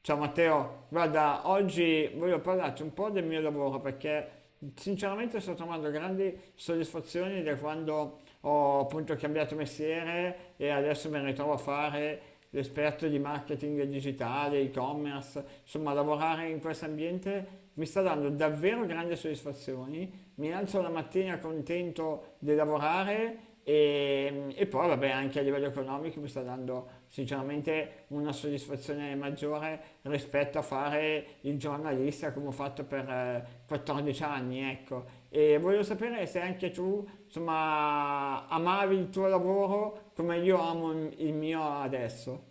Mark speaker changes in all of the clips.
Speaker 1: Ciao Matteo, guarda, oggi voglio parlarti un po' del mio lavoro perché sinceramente sto trovando grandi soddisfazioni da quando ho appunto cambiato mestiere e adesso mi ritrovo a fare l'esperto di marketing digitale, e-commerce, insomma lavorare in questo ambiente mi sta dando davvero grandi soddisfazioni, mi alzo la mattina contento di lavorare e poi, vabbè, anche a livello economico mi sta dando sinceramente una soddisfazione maggiore rispetto a fare il giornalista come ho fatto per 14 anni, ecco. E voglio sapere se anche tu, insomma, amavi il tuo lavoro come io amo il mio adesso.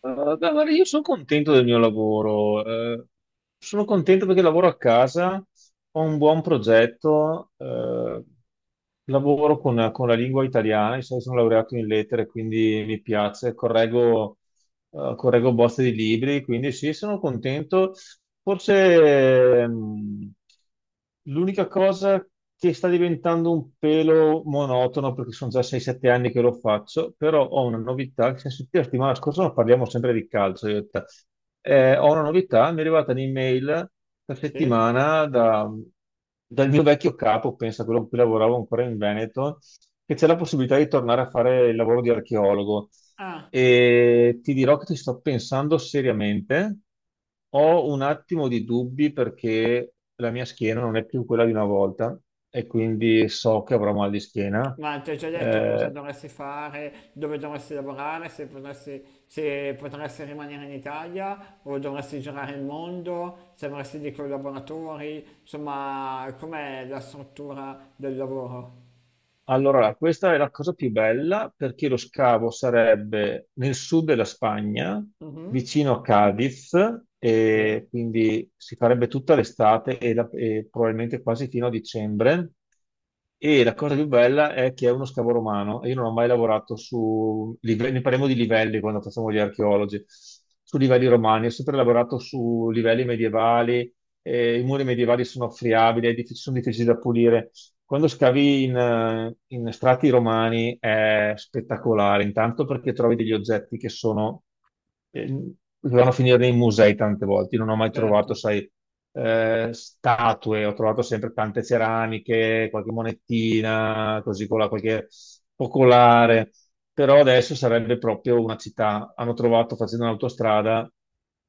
Speaker 2: Eh, beh, guarda, io sono contento del mio lavoro, sono contento perché lavoro a casa, ho un buon progetto, lavoro con la lingua italiana, io sono laureato in lettere, quindi mi piace, correggo, correggo bozze di libri, quindi sì, sono contento. Forse l'unica cosa che sta diventando un pelo monotono, perché sono già 6-7 anni che lo faccio, però ho una novità, che se sentite la settimana scorsa non parliamo sempre di calcio, io e te. Ho una novità, mi è arrivata un'email questa
Speaker 1: Sì?
Speaker 2: settimana dal mio vecchio capo, pensa quello con cui lavoravo ancora in Veneto, che c'è la possibilità di tornare a fare il lavoro di archeologo.
Speaker 1: Ah.
Speaker 2: E ti dirò che ci sto pensando seriamente, ho un attimo di dubbi perché la mia schiena non è più quella di una volta e quindi so che avrò mal di schiena.
Speaker 1: Ma ti ho già detto cosa
Speaker 2: Eh,
Speaker 1: dovresti fare, dove dovresti lavorare, se potresti, se potresti rimanere in Italia o dovresti girare il mondo, se avresti dei collaboratori, insomma, com'è la struttura del lavoro?
Speaker 2: Allora, questa è la cosa più bella perché lo scavo sarebbe nel sud della Spagna,
Speaker 1: Mhm.
Speaker 2: vicino a Cadiz,
Speaker 1: Sì,
Speaker 2: e quindi si farebbe tutta l'estate e probabilmente quasi fino a dicembre. E la cosa più bella è che è uno scavo romano. E io non ho mai lavorato su livelli, ne parliamo di livelli quando facciamo gli archeologi, su livelli romani, ho sempre lavorato su livelli medievali. I muri medievali sono friabili, è sono difficili da pulire. Quando scavi in strati romani è spettacolare, intanto perché trovi degli oggetti che eh, dovevano finire nei musei tante volte. Io non ho mai
Speaker 1: certo.
Speaker 2: trovato, sai, statue, ho trovato sempre tante ceramiche, qualche monetina, così con la qualche focolare. Però adesso sarebbe proprio una città. Hanno trovato facendo un'autostrada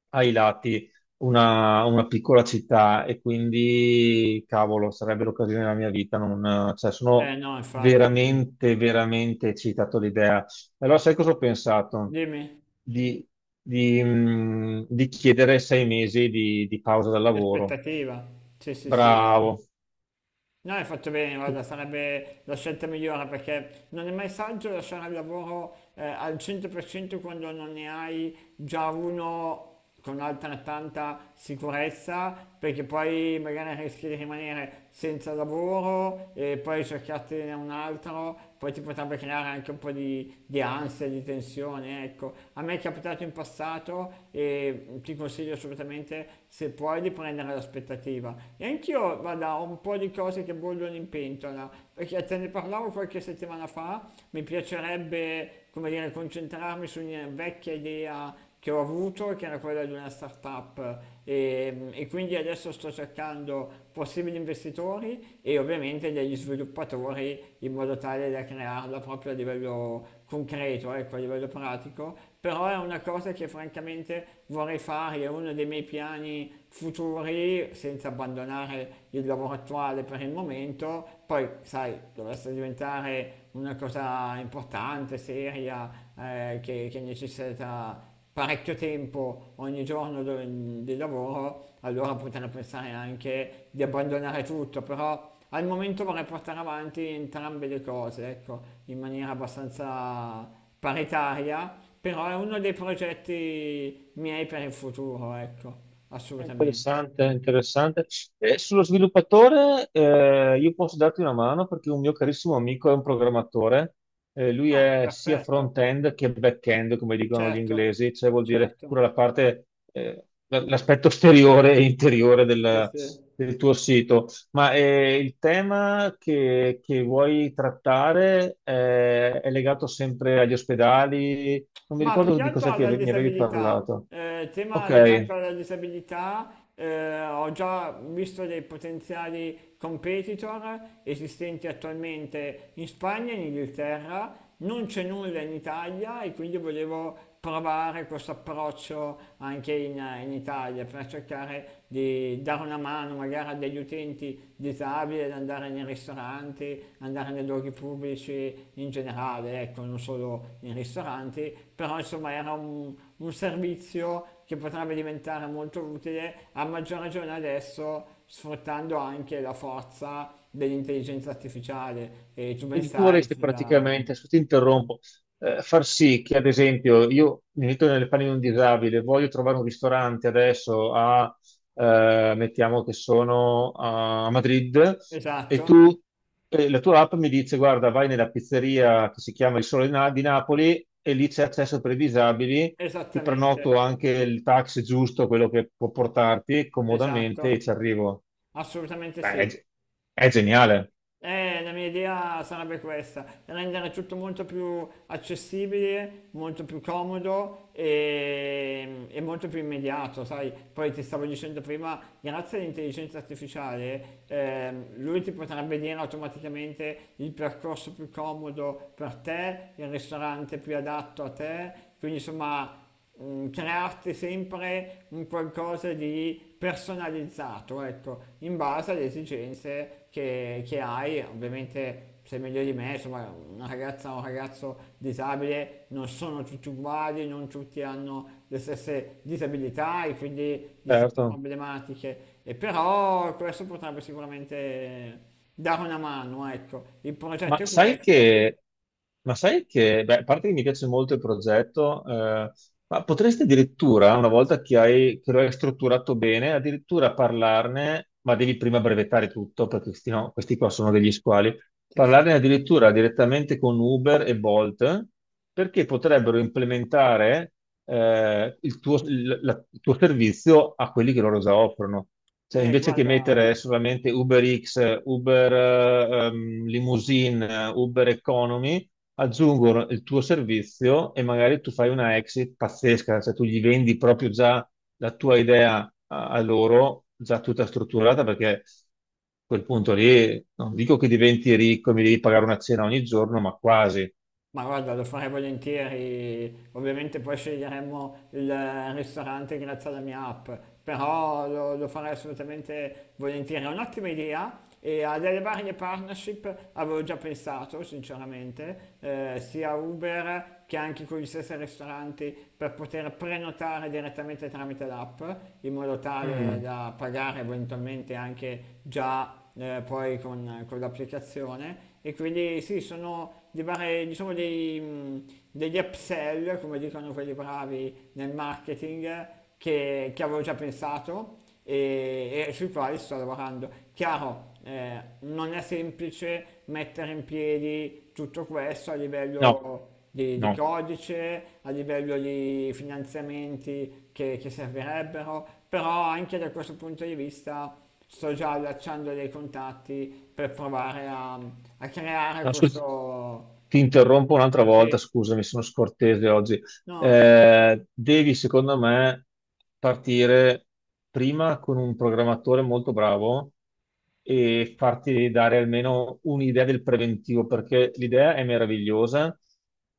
Speaker 2: ai lati una piccola città e quindi, cavolo, sarebbe l'occasione della mia vita. Non, cioè,
Speaker 1: Eh
Speaker 2: sono
Speaker 1: no, infatti,
Speaker 2: veramente, veramente eccitato all'idea. Allora, sai cosa ho pensato?
Speaker 1: dimmi,
Speaker 2: Di, di di chiedere sei mesi di pausa dal lavoro.
Speaker 1: l'aspettativa. Sì, sì, sì.
Speaker 2: Bravo.
Speaker 1: No, hai fatto bene,
Speaker 2: Tu.
Speaker 1: guarda, sarebbe la scelta migliore perché non è mai saggio lasciare il lavoro al 100% quando non ne hai già uno con altrettanta sicurezza perché poi magari rischi di rimanere senza lavoro e poi cercate un altro, poi ti potrebbe creare anche un po' di ansia, di tensione, ecco. A me è capitato in passato e ti consiglio assolutamente, se puoi, di prendere l'aspettativa. E anch'io, guarda, ho un po' di cose che bollono in pentola, perché te ne parlavo qualche settimana fa, mi piace piacerebbe, come dire, concentrarmi su una vecchia idea che ho avuto, che era quella di una startup e quindi adesso sto cercando possibili investitori e ovviamente degli sviluppatori in modo tale da crearla proprio a livello concreto, ecco, a livello pratico, però è una cosa che francamente vorrei fare, è uno dei miei piani futuri senza abbandonare il lavoro attuale per il momento, poi sai, dovesse diventare una cosa importante, seria, che necessita parecchio tempo ogni giorno di lavoro, allora potrei pensare anche di abbandonare tutto, però al momento vorrei portare avanti entrambe le cose, ecco, in maniera abbastanza paritaria, però è uno dei progetti miei per il futuro, ecco.
Speaker 2: È
Speaker 1: Assolutamente.
Speaker 2: interessante, è interessante. E sullo sviluppatore, io posso darti una mano perché un mio carissimo amico è un programmatore. Lui
Speaker 1: Ah,
Speaker 2: è sia
Speaker 1: perfetto.
Speaker 2: front-end che back-end, come dicono gli
Speaker 1: Certo,
Speaker 2: inglesi, cioè vuol dire pure
Speaker 1: certo.
Speaker 2: la parte, l'aspetto esteriore e interiore
Speaker 1: Sì,
Speaker 2: del,
Speaker 1: sì.
Speaker 2: del tuo sito. Ma il tema che vuoi trattare è legato sempre agli ospedali. Non mi
Speaker 1: Ma più
Speaker 2: ricordo
Speaker 1: che
Speaker 2: di
Speaker 1: altro
Speaker 2: cos'è che
Speaker 1: alla
Speaker 2: mi avevi
Speaker 1: disabilità,
Speaker 2: parlato.
Speaker 1: tema legato
Speaker 2: Ok.
Speaker 1: alla disabilità, ho già visto dei potenziali competitor esistenti attualmente in Spagna e in Inghilterra, non c'è nulla in Italia e quindi volevo provare questo approccio anche in Italia per cercare di dare una mano magari a degli utenti disabili ad andare nei ristoranti, andare nei luoghi pubblici in generale, ecco, non solo nei ristoranti, però insomma era un servizio che potrebbe diventare molto utile, a maggior ragione adesso sfruttando anche la forza dell'intelligenza artificiale e tu ben
Speaker 2: Quindi tu
Speaker 1: sai, c'è
Speaker 2: vorresti
Speaker 1: da...
Speaker 2: praticamente, se ti interrompo, far sì che, ad esempio, io mi metto nelle panni di un disabile, voglio trovare un ristorante adesso mettiamo che sono a Madrid, e
Speaker 1: Esatto,
Speaker 2: tu, la tua app mi dice, guarda, vai nella pizzeria che si chiama Il Sole di Napoli e lì c'è accesso per i disabili, ti
Speaker 1: esattamente.
Speaker 2: prenoto anche il taxi giusto, quello che può portarti comodamente e
Speaker 1: Esatto,
Speaker 2: ci arrivo.
Speaker 1: assolutamente
Speaker 2: Beh,
Speaker 1: sì.
Speaker 2: è geniale,
Speaker 1: La mia idea sarebbe questa, rendere tutto molto più accessibile, molto più comodo e molto più immediato, sai? Poi ti stavo dicendo prima, grazie all'intelligenza artificiale, lui ti potrebbe dire automaticamente il percorso più comodo per te, il ristorante più adatto a te, quindi insomma crearti sempre un qualcosa di personalizzato, ecco, in base alle esigenze che hai, ovviamente sei meglio di me, insomma, una ragazza o un ragazzo disabile non sono tutti uguali, non tutti hanno le stesse disabilità e quindi le stesse
Speaker 2: certo.
Speaker 1: problematiche, e però questo potrebbe sicuramente dare una mano, ecco, il
Speaker 2: Ma
Speaker 1: progetto è
Speaker 2: sai
Speaker 1: questo.
Speaker 2: che, ma sai che, beh, a parte che mi piace molto il progetto, ma potresti addirittura, una volta che lo hai strutturato bene, addirittura parlarne, ma devi prima brevettare tutto, perché questi, no, questi qua sono degli squali,
Speaker 1: Sì, sì.
Speaker 2: parlarne addirittura direttamente con Uber e Bolt, perché potrebbero implementare il tuo servizio a quelli che loro già offrono. Cioè, invece che
Speaker 1: Guarda.
Speaker 2: mettere solamente Uber X, Uber Limousine, Uber Economy, aggiungono il tuo servizio e magari tu fai una exit pazzesca, cioè tu gli vendi proprio già la tua idea a loro, già tutta strutturata, perché a quel punto lì non dico che diventi ricco e mi devi pagare una cena ogni giorno, ma quasi.
Speaker 1: Ma guarda, lo farei volentieri, ovviamente poi sceglieremo il ristorante grazie alla mia app, però lo farei assolutamente volentieri, è un'ottima idea e a delle varie partnership avevo già pensato, sinceramente, sia Uber che anche con gli stessi ristoranti per poter prenotare direttamente tramite l'app, in modo tale
Speaker 2: Mm,
Speaker 1: da pagare eventualmente anche già poi con l'applicazione. E quindi sì, sono di fare diciamo dei, degli upsell, come dicono quelli bravi nel marketing, che avevo già pensato e sui quali sto lavorando. Chiaro, non è semplice mettere in piedi tutto questo a
Speaker 2: no,
Speaker 1: livello di
Speaker 2: no,
Speaker 1: codice, a livello di finanziamenti che servirebbero, però anche da questo punto di vista sto già allacciando dei contatti per provare a creare
Speaker 2: assolut-
Speaker 1: questo...
Speaker 2: Ti interrompo un'altra volta,
Speaker 1: Sì.
Speaker 2: scusami, sono scortese oggi.
Speaker 1: No,
Speaker 2: Devi, secondo me, partire prima con un programmatore molto bravo e farti dare almeno un'idea del preventivo, perché l'idea è meravigliosa,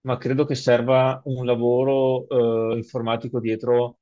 Speaker 2: ma credo che serva un lavoro, informatico dietro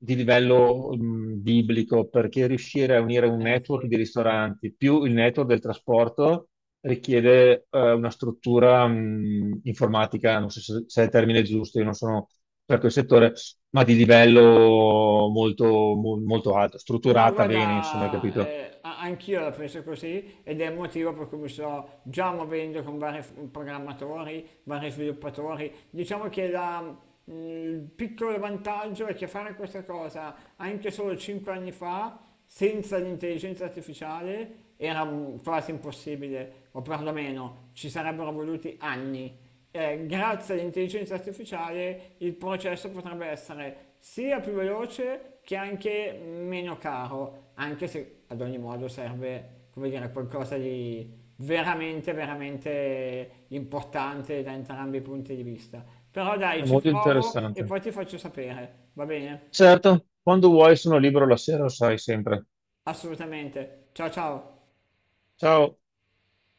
Speaker 2: di livello, biblico, perché riuscire a unire un
Speaker 1: eh
Speaker 2: network
Speaker 1: sì.
Speaker 2: di ristoranti più il network del trasporto richiede una struttura informatica, non so se è il termine giusto, io non sono per quel settore, ma di livello molto alto,
Speaker 1: No,
Speaker 2: strutturata bene, insomma, hai
Speaker 1: guarda,
Speaker 2: capito?
Speaker 1: anch'io la penso così ed è il motivo per cui mi sto già muovendo con vari programmatori, vari sviluppatori. Diciamo che il piccolo vantaggio è che fare questa cosa anche solo 5 anni fa, senza l'intelligenza artificiale, era quasi impossibile, o perlomeno ci sarebbero voluti anni grazie all'intelligenza artificiale il processo potrebbe essere sia più veloce che anche meno caro, anche se ad ogni modo serve, come dire, qualcosa di veramente, veramente importante da entrambi i punti di vista. Però
Speaker 2: È
Speaker 1: dai, ci
Speaker 2: molto
Speaker 1: provo e
Speaker 2: interessante.
Speaker 1: poi ti faccio sapere, va bene?
Speaker 2: Certo, quando vuoi sono libero la sera, lo sai sempre.
Speaker 1: Assolutamente. Ciao ciao.
Speaker 2: Ciao.